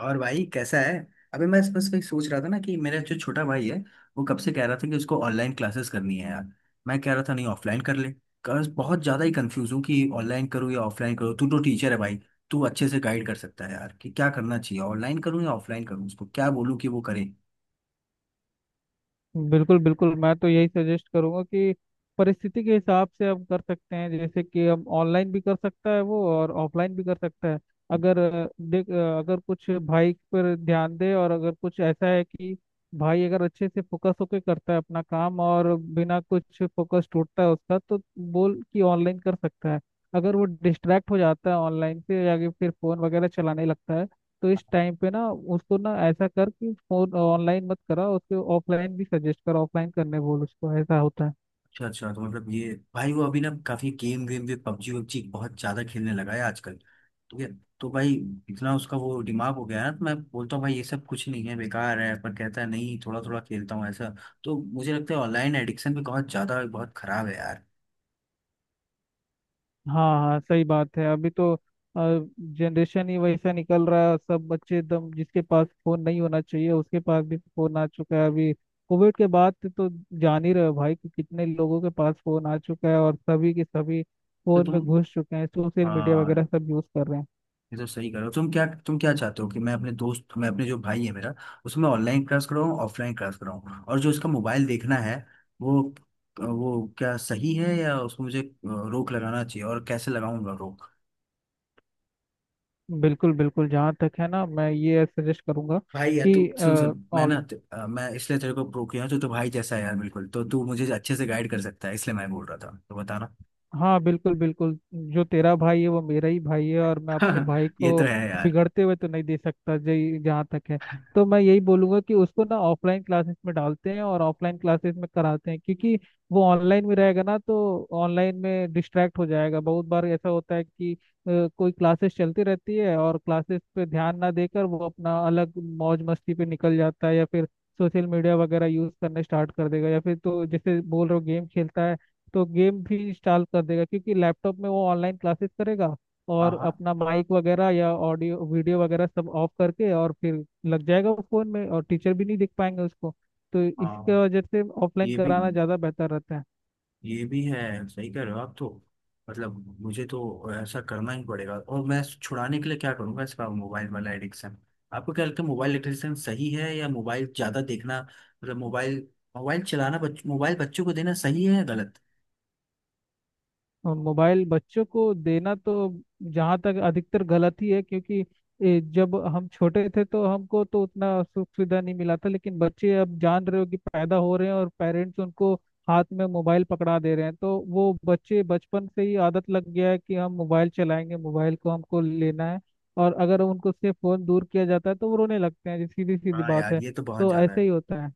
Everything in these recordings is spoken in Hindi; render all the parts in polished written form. और भाई कैसा है। अभी मैं बस वही सोच रहा था ना कि मेरा जो छोटा भाई है वो कब से कह रहा था कि उसको ऑनलाइन क्लासेस करनी है यार। मैं कह रहा था नहीं ऑफलाइन कर ले। बस बहुत ज़्यादा ही कंफ्यूज हूँ कि ऑनलाइन करूँ या ऑफलाइन करूँ। तू तो टीचर है भाई, तू अच्छे से गाइड कर सकता है यार कि क्या करना चाहिए। ऑनलाइन करूँ या ऑफलाइन करूँ? उसको क्या बोलूँ कि वो करे। बिल्कुल बिल्कुल, मैं तो यही सजेस्ट करूंगा कि परिस्थिति के हिसाब से हम कर सकते हैं। जैसे कि हम ऑनलाइन भी कर सकता है वो और ऑफलाइन भी कर सकता है। अगर देख, अगर कुछ भाई पर ध्यान दे और अगर कुछ ऐसा है कि भाई अगर अच्छे से फोकस होकर करता है अपना काम और बिना कुछ फोकस टूटता है उसका, तो बोल कि ऑनलाइन कर सकता है। अगर वो डिस्ट्रैक्ट हो जाता है ऑनलाइन से या कि फिर फोन वगैरह चलाने लगता है, तो इस टाइम पे ना उसको ना ऐसा कर कि फोन ऑनलाइन मत करा उसके, ऑफलाइन भी सजेस्ट कर, ऑफलाइन करने बोल उसको, ऐसा होता है। अच्छा अच्छा, तो मतलब ये भाई वो अभी ना काफी गेम वेम भी, पबजी वबजी बहुत ज्यादा खेलने लगा है आजकल, ठीक है। तो भाई इतना उसका वो दिमाग हो गया है ना, तो मैं बोलता हूँ भाई ये सब कुछ नहीं है, बेकार है, पर कहता है नहीं थोड़ा थोड़ा खेलता हूँ ऐसा। तो मुझे लगता है ऑनलाइन एडिक्शन भी बहुत ज्यादा, बहुत खराब है यार। हाँ हाँ, सही बात है। अभी तो जनरेशन ही वैसा निकल रहा है, सब बच्चे एकदम, जिसके पास फोन नहीं होना चाहिए उसके पास भी फोन आ चुका है अभी। कोविड के बाद से तो जान ही रहे हो भाई कि कितने लोगों के पास फोन आ चुका है, और सभी के सभी तो फोन तुम में घुस चुके हैं, सोशल मीडिया हाँ। वगैरह सब यूज कर रहे हैं। ये तो सही करो। तुम क्या चाहते हो कि मैं अपने दोस्त मैं अपने जो भाई है मेरा, उसमें ऑनलाइन क्लास कराऊँ, ऑफलाइन क्लास कराऊँ, और जो उसका मोबाइल देखना है वो वो क्या सही है या उसको मुझे रोक लगाना चाहिए? और कैसे लगाऊंगा रोक? बिल्कुल बिल्कुल, जहाँ तक है ना, मैं ये सजेस्ट करूंगा भाई यार तू कि सुन सुन, मैं ना मैं इसलिए तेरे को प्रो किया हूं, तू तो भाई जैसा है यार बिल्कुल, तो तू मुझे अच्छे से गाइड कर सकता है, इसलिए मैं बोल रहा था, तो बताना। हाँ, बिल्कुल बिल्कुल, जो तेरा भाई है वो मेरा ही भाई है, और मैं अपने भाई ये को तो है यार। बिगड़ते हुए तो नहीं दे सकता जी। जहाँ तक है, तो मैं यही बोलूंगा कि उसको ना ऑफलाइन क्लासेस में डालते हैं और ऑफलाइन क्लासेस में कराते हैं, क्योंकि वो ऑनलाइन में रहेगा ना तो ऑनलाइन में डिस्ट्रैक्ट हो जाएगा। बहुत बार ऐसा होता है कि कोई क्लासेस चलती रहती है और क्लासेस पे ध्यान ना देकर वो अपना अलग मौज मस्ती पे निकल जाता है, या फिर सोशल मीडिया वगैरह यूज करने स्टार्ट कर देगा, या फिर तो जैसे बोल रहे हो गेम खेलता है, तो गेम भी इंस्टॉल कर देगा क्योंकि लैपटॉप में वो ऑनलाइन क्लासेस करेगा हाँ। और हाँ। अपना माइक वगैरह या ऑडियो वीडियो वगैरह सब ऑफ करके और फिर लग जाएगा वो फोन में, और टीचर भी नहीं देख पाएंगे उसको। तो हाँ, इसके वजह से ऑफलाइन ये भी कराना ज़्यादा बेहतर रहता है। ये भी है, सही कह रहे हो आप तो। मतलब मुझे तो ऐसा करना ही पड़ेगा। और मैं छुड़ाने के लिए क्या करूंगा इसका मोबाइल वाला एडिक्शन? आपको क्या लगता है मोबाइल एडिक्शन सही है, या मोबाइल ज्यादा देखना, मतलब मोबाइल मोबाइल चलाना मोबाइल बच्चों को देना सही है या गलत? और मोबाइल बच्चों को देना तो जहाँ तक अधिकतर गलत ही है, क्योंकि जब हम छोटे थे तो हमको तो उतना सुख सुविधा नहीं मिला था, लेकिन बच्चे अब जान रहे हो कि पैदा हो रहे हैं और पेरेंट्स उनको हाथ में मोबाइल पकड़ा दे रहे हैं, तो वो बच्चे बचपन से ही आदत लग गया है कि हम मोबाइल चलाएंगे, मोबाइल को हमको लेना है। और अगर उनको से फोन दूर किया जाता है तो वो रोने लगते हैं, ये सीधी सीधी हाँ बात यार, है। ये तो बहुत तो ज्यादा ऐसे ही है। होता है।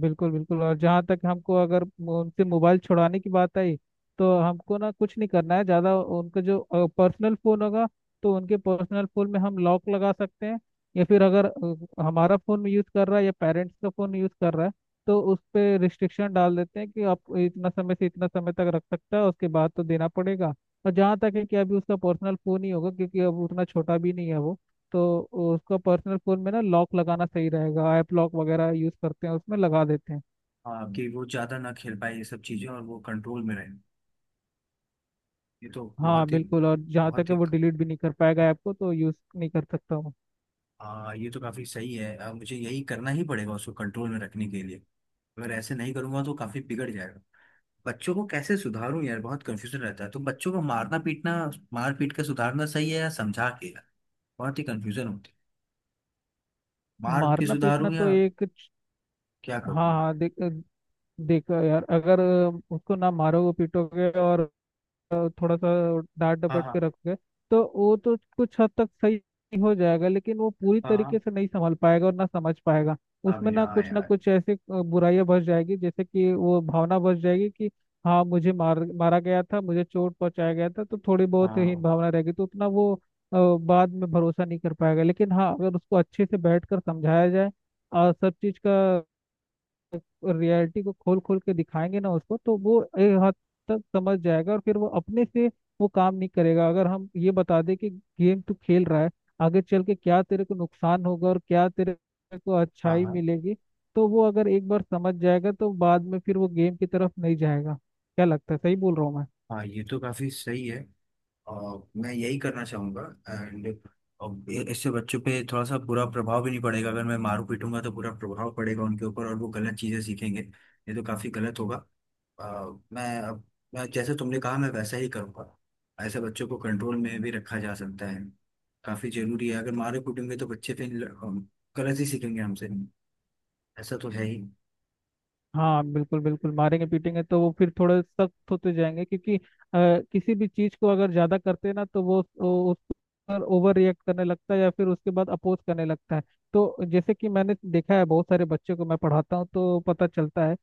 बिल्कुल बिल्कुल, और जहाँ तक हमको अगर वो उनसे मोबाइल छुड़ाने की बात आई, तो हमको ना कुछ नहीं करना है ज़्यादा। उनका जो पर्सनल फ़ोन होगा, तो उनके पर्सनल फ़ोन में हम लॉक लगा सकते हैं, या फिर अगर हमारा फ़ोन यूज़ कर रहा है या पेरेंट्स का फ़ोन यूज़ कर रहा है, तो उस पे रिस्ट्रिक्शन डाल देते हैं कि आप इतना समय से इतना समय तक रख सकता है, उसके बाद तो देना पड़ेगा। और जहाँ तक है कि अभी उसका पर्सनल फ़ोन ही होगा, क्योंकि अब उतना छोटा भी नहीं है वो, तो उसका पर्सनल फोन में ना लॉक लगाना सही रहेगा, ऐप लॉक वगैरह यूज करते हैं उसमें लगा देते हैं। हाँ, कि वो ज्यादा ना खेल पाए ये सब चीजें और वो कंट्रोल में रहे। ये तो हाँ बहुत ही। बिल्कुल, और जहाँ तक बहुत ही। है वो डिलीट भी नहीं कर पाएगा ऐप को, तो यूज नहीं कर सकता हूँ। हाँ, ये तो काफी सही है। अब मुझे यही करना ही पड़ेगा उसको कंट्रोल में रखने के लिए। अगर ऐसे नहीं करूंगा तो काफी बिगड़ जाएगा। बच्चों को कैसे सुधारूं यार, बहुत कंफ्यूजन रहता है। तो बच्चों को मारना पीटना, मार पीट के सुधारना सही है या समझा के यार? बहुत ही कंफ्यूजन होती है। मार के मारना पीटना सुधारूं तो या एक क्या हाँ करूं? हाँ, देख, देखो यार, अगर उसको ना मारोगे पीटोगे और थोड़ा सा डांट हाँ। डपट हाँ। के रखोगे, तो वो तो कुछ हद तक सही हो जाएगा, लेकिन वो पूरी हाँ। हाँ। तरीके से नहीं संभाल पाएगा और ना समझ पाएगा। उसमें अबे हाँ ना यार। कुछ ऐसे बुराइयां बस जाएगी, जैसे कि वो भावना बस जाएगी कि हाँ, मुझे मार, मारा गया था, मुझे चोट पहुंचाया गया था, तो थोड़ी बहुत ही हाँ। भावना रहेगी, तो उतना वो अ, बाद में भरोसा नहीं कर पाएगा। लेकिन हाँ, अगर उसको अच्छे से बैठ कर समझाया जाए और सब चीज का रियलिटी को खोल खोल के दिखाएंगे ना उसको, तो वो एक हद तक समझ जाएगा, और फिर वो अपने से वो काम नहीं करेगा। अगर हम ये बता दें कि गेम तू खेल रहा है आगे चल के क्या तेरे को नुकसान होगा और क्या तेरे को हाँ। अच्छाई हाँ। मिलेगी, तो वो अगर एक बार समझ जाएगा तो बाद में फिर वो गेम की तरफ नहीं जाएगा। क्या लगता है, सही बोल रहा हूँ मैं? हाँ, ये तो काफी सही है। और मैं यही करना चाहूंगा। एंड इससे बच्चों पे थोड़ा सा बुरा प्रभाव भी नहीं पड़ेगा। अगर मैं मारू पीटूंगा तो बुरा प्रभाव पड़ेगा उनके ऊपर और वो गलत चीजें सीखेंगे, ये तो काफी गलत होगा। अ, मैं अब मैं जैसे तुमने कहा मैं वैसा ही करूँगा। ऐसे बच्चों को कंट्रोल में भी रखा जा सकता है, काफी जरूरी है। अगर मारे कूटेंगे तो बच्चे फिर गलत ही सीखेंगे हमसे, ऐसा तो है ही। हाँ बिल्कुल बिल्कुल, मारेंगे पीटेंगे तो वो फिर थोड़े सख्त होते जाएंगे, क्योंकि किसी भी चीज को अगर ज्यादा करते हैं ना, तो वो उस पर ओवर रिएक्ट करने लगता है, या फिर उसके बाद अपोज करने लगता है। तो जैसे कि मैंने देखा है, बहुत सारे बच्चों को मैं पढ़ाता हूँ, तो पता चलता है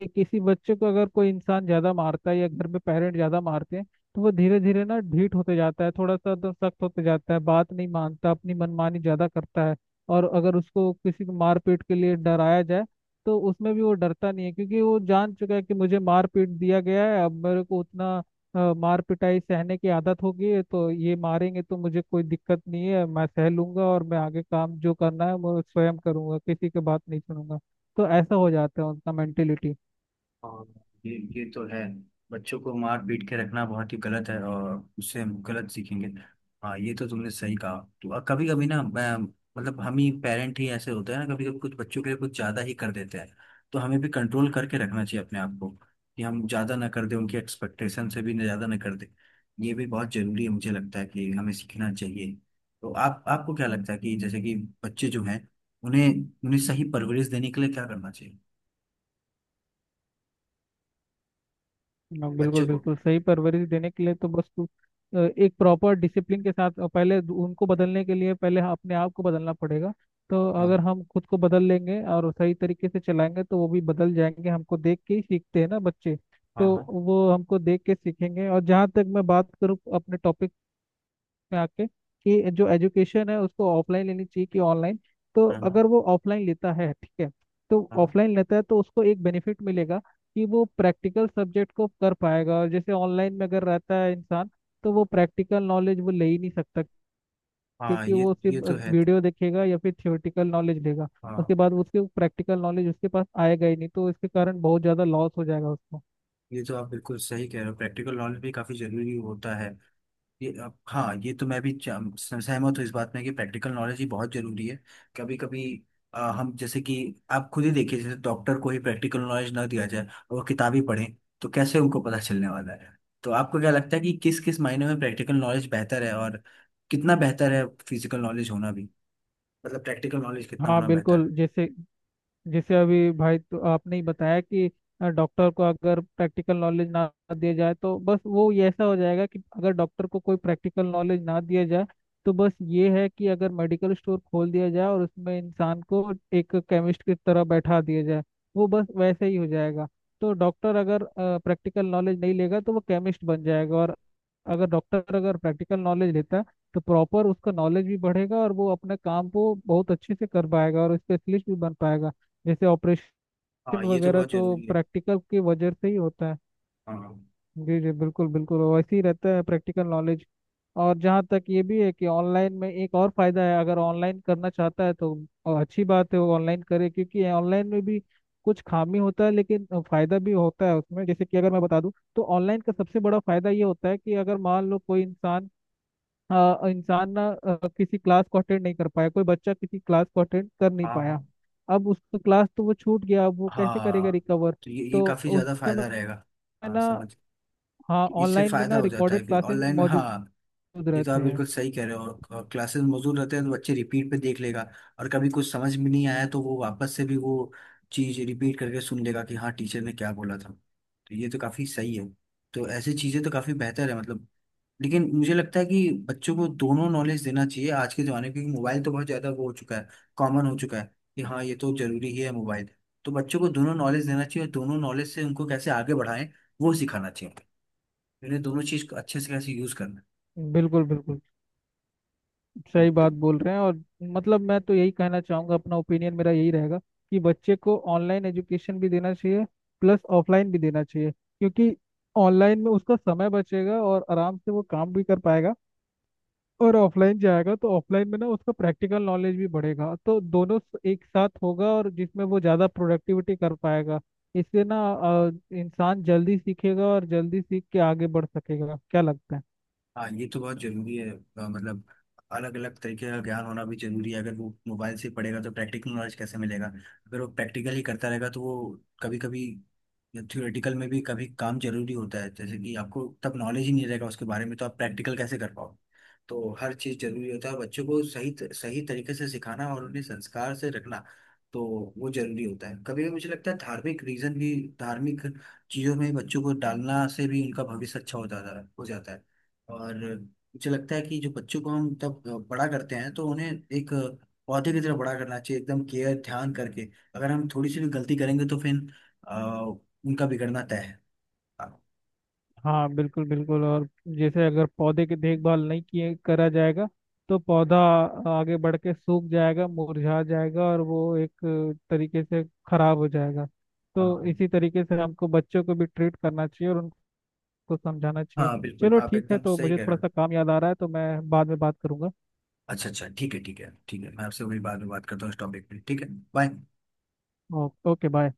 कि किसी बच्चे को अगर कोई इंसान ज्यादा मारता है या घर में पेरेंट ज्यादा मारते हैं, तो वो धीरे धीरे ना ढीठ होते जाता है, थोड़ा सा तो सख्त होते जाता है, बात नहीं मानता, अपनी मनमानी ज्यादा करता है। और अगर उसको किसी को मारपीट के लिए डराया जाए, तो उसमें भी वो डरता नहीं है, क्योंकि वो जान चुका है कि मुझे मारपीट दिया गया है, अब मेरे को उतना मार पिटाई सहने की आदत हो गई है, तो ये मारेंगे तो मुझे कोई दिक्कत नहीं है, मैं सह लूंगा, और मैं आगे काम जो करना है वो स्वयं करूंगा, किसी की बात नहीं सुनूंगा। तो ऐसा हो जाता है उनका मेंटेलिटी। और ये तो है, बच्चों को मार पीट के रखना बहुत ही गलत है और उससे हम गलत सीखेंगे। हाँ ये तो तुमने सही कहा। तो कभी कभी ना मैं, मतलब हम ही पेरेंट ही ऐसे होते हैं ना, कभी कभी कुछ बच्चों के लिए कुछ ज़्यादा ही कर देते हैं। तो हमें भी कंट्रोल करके रखना चाहिए अपने आप को कि हम ज़्यादा ना कर दें, उनकी एक्सपेक्टेशन से भी ज़्यादा ना कर दें। ये भी बहुत ज़रूरी है, मुझे लगता है कि हमें सीखना चाहिए। तो आप आपको क्या लगता है कि जैसे कि बच्चे जो हैं उन्हें उन्हें सही परवरिश देने के लिए क्या करना चाहिए हाँ, बिल्कुल बच्चों को? बिल्कुल, सही परवरिश देने के लिए तो बस तू एक प्रॉपर डिसिप्लिन के साथ, पहले उनको बदलने के लिए पहले हाँ, अपने आप को बदलना पड़ेगा। तो अगर हाँ। हम खुद को बदल लेंगे और सही तरीके से चलाएंगे, तो वो भी बदल जाएंगे, हमको देख के ही सीखते हैं ना बच्चे। हाँ। तो हाँ। वो हमको देख के सीखेंगे। और जहाँ तक मैं बात करूँ अपने टॉपिक में आके, कि जो एजुकेशन है उसको ऑफलाइन लेनी चाहिए कि ऑनलाइन, तो हाँ। हाँ। अगर वो ऑफलाइन लेता है ठीक है, तो हाँ। ऑफलाइन लेता है तो उसको एक बेनिफिट मिलेगा कि वो प्रैक्टिकल सब्जेक्ट को कर पाएगा। और जैसे ऑनलाइन में अगर रहता है इंसान, तो वो प्रैक्टिकल नॉलेज वो ले ही नहीं सकता, हाँ, क्योंकि वो ये सिर्फ तो है। वीडियो देखेगा या फिर थ्योरेटिकल नॉलेज लेगा, उसके हाँ, बाद उसके प्रैक्टिकल नॉलेज उसके पास आएगा ही नहीं, तो इसके कारण बहुत ज़्यादा लॉस हो जाएगा उसको। ये तो आप बिल्कुल सही कह रहे हो, प्रैक्टिकल नॉलेज भी काफ़ी ज़रूरी होता है। ये अब हाँ, ये तो मैं भी सहमत हूँ इस बात में कि प्रैक्टिकल नॉलेज ही बहुत ज़रूरी है। कभी कभी हम जैसे कि, आप खुद ही देखिए जैसे डॉक्टर को ही प्रैक्टिकल नॉलेज ना दिया जाए और वो किताबी पढ़ें तो कैसे उनको पता चलने वाला है? तो आपको क्या लगता है कि किस किस मायने में प्रैक्टिकल नॉलेज बेहतर है, और कितना बेहतर है फिजिकल नॉलेज होना भी, मतलब प्रैक्टिकल नॉलेज कितना हाँ होना बेहतर बिल्कुल, है? जैसे जैसे अभी भाई तो आपने ही बताया कि डॉक्टर को अगर प्रैक्टिकल नॉलेज ना दिया जाए, तो बस वो ये ऐसा हो जाएगा कि अगर डॉक्टर को कोई प्रैक्टिकल नॉलेज ना दिया जाए, तो बस ये है कि अगर मेडिकल स्टोर खोल दिया जाए और उसमें इंसान को एक केमिस्ट की तरह बैठा दिया जाए, वो बस वैसे ही हो जाएगा। तो डॉक्टर अगर प्रैक्टिकल नॉलेज नहीं लेगा तो वो केमिस्ट बन जाएगा, और अगर डॉक्टर अगर प्रैक्टिकल नॉलेज लेता है, तो प्रॉपर उसका नॉलेज भी बढ़ेगा, और वो अपने काम को बहुत अच्छे से कर पाएगा और स्पेशलिस्ट भी बन पाएगा। जैसे ऑपरेशन हाँ ये तो वगैरह बहुत तो ज़रूरी है। प्रैक्टिकल की वजह से ही होता है। हाँ। जी जी बिल्कुल बिल्कुल, वैसे ही रहता है प्रैक्टिकल नॉलेज। और जहाँ तक ये भी है कि ऑनलाइन में एक और फायदा है, अगर ऑनलाइन करना चाहता है तो अच्छी बात है, वो ऑनलाइन करे, क्योंकि ऑनलाइन में भी कुछ खामी होता है, लेकिन फायदा भी होता है उसमें। जैसे कि अगर मैं बता दूं, तो ऑनलाइन का सबसे बड़ा फायदा ये होता है कि अगर मान लो कोई इंसान, इंसान ना किसी क्लास को अटेंड नहीं कर पाया, कोई बच्चा किसी क्लास को अटेंड कर नहीं हाँ। पाया, हाँ। अब उसका क्लास तो वो छूट गया, अब वो कैसे करेगा हाँ, रिकवर। तो ये तो काफी उस ज्यादा समय फायदा रहेगा। में हाँ ना, समझ हाँ, कि इससे ऑनलाइन में फायदा ना हो जाता है रिकॉर्डेड कि क्लासेस ऑनलाइन में, मौजूद हाँ, ये तो आप रहते हैं। बिल्कुल सही कह रहे हो। क्लासेस मौजूद रहते हैं तो बच्चे रिपीट पे देख लेगा, और कभी कुछ समझ में नहीं आया तो वो वापस से भी वो चीज रिपीट करके सुन लेगा कि हाँ टीचर ने क्या बोला था, तो ये तो काफी सही है। तो ऐसी चीजें तो काफी बेहतर है मतलब। लेकिन मुझे लगता है कि बच्चों को दोनों नॉलेज देना चाहिए आज के ज़माने में, क्योंकि मोबाइल तो बहुत ज़्यादा वो हो चुका है, कॉमन हो चुका है, कि हाँ ये तो ज़रूरी ही है मोबाइल। तो बच्चों को दोनों नॉलेज देना चाहिए और दोनों नॉलेज से उनको कैसे आगे बढ़ाएं वो सिखाना चाहिए, उन्हें दोनों चीज़ को अच्छे से कैसे यूज़ करना बिल्कुल बिल्कुल, है। सही बात तो बोल रहे हैं। और मतलब मैं तो यही कहना चाहूँगा, अपना ओपिनियन मेरा यही रहेगा कि बच्चे को ऑनलाइन एजुकेशन भी देना चाहिए प्लस ऑफलाइन भी देना चाहिए, क्योंकि ऑनलाइन में उसका समय बचेगा और आराम से वो काम भी कर पाएगा, और ऑफलाइन जाएगा तो ऑफलाइन में ना उसका प्रैक्टिकल नॉलेज भी बढ़ेगा, तो दोनों एक साथ होगा, और जिसमें वो ज़्यादा प्रोडक्टिविटी कर पाएगा। इससे ना इंसान जल्दी सीखेगा और जल्दी सीख के आगे बढ़ सकेगा, क्या लगता है? हाँ ये तो बहुत ज़रूरी है। मतलब अलग अलग तरीके का ज्ञान होना भी जरूरी है। अगर वो मोबाइल से पढ़ेगा तो प्रैक्टिकल नॉलेज कैसे मिलेगा? अगर वो प्रैक्टिकल ही करता रहेगा तो वो, कभी कभी या थ्योरेटिकल में भी कभी काम जरूरी होता है, जैसे कि आपको तब नॉलेज ही नहीं रहेगा उसके बारे में तो आप प्रैक्टिकल कैसे कर पाओ? तो हर चीज़ जरूरी होता है, बच्चों को सही सही तरीके से सिखाना और उन्हें संस्कार से रखना, तो वो जरूरी होता है। कभी कभी मुझे लगता है धार्मिक रीजन भी धार्मिक चीज़ों में बच्चों को डालना से भी उनका भविष्य अच्छा हो जाता है, हो जाता है। और मुझे लगता है कि जो बच्चों को हम तब बड़ा करते हैं तो उन्हें एक पौधे की तरह बड़ा करना चाहिए एकदम केयर ध्यान करके। अगर हम थोड़ी सी भी गलती करेंगे तो फिर उनका बिगड़ना तय है। हाँ। हाँ बिल्कुल बिल्कुल, और जैसे अगर पौधे की देखभाल नहीं किए करा जाएगा, तो पौधा आगे बढ़ के सूख जाएगा, मुरझा जाएगा, और वो एक तरीके से खराब हो जाएगा। तो हाँ। इसी तरीके से हमको बच्चों को भी ट्रीट करना चाहिए और को समझाना चाहिए। हाँ, बिल्कुल चलो आप ठीक है, एकदम तो सही मुझे कह रहे थोड़ा हो। सा काम याद आ रहा है, तो मैं बाद में बात करूंगा। अच्छा अच्छा, ठीक है ठीक है ठीक है, मैं आपसे वही बाद में बात करता हूँ इस टॉपिक पे, ठीक है। बाय। Okay, bye.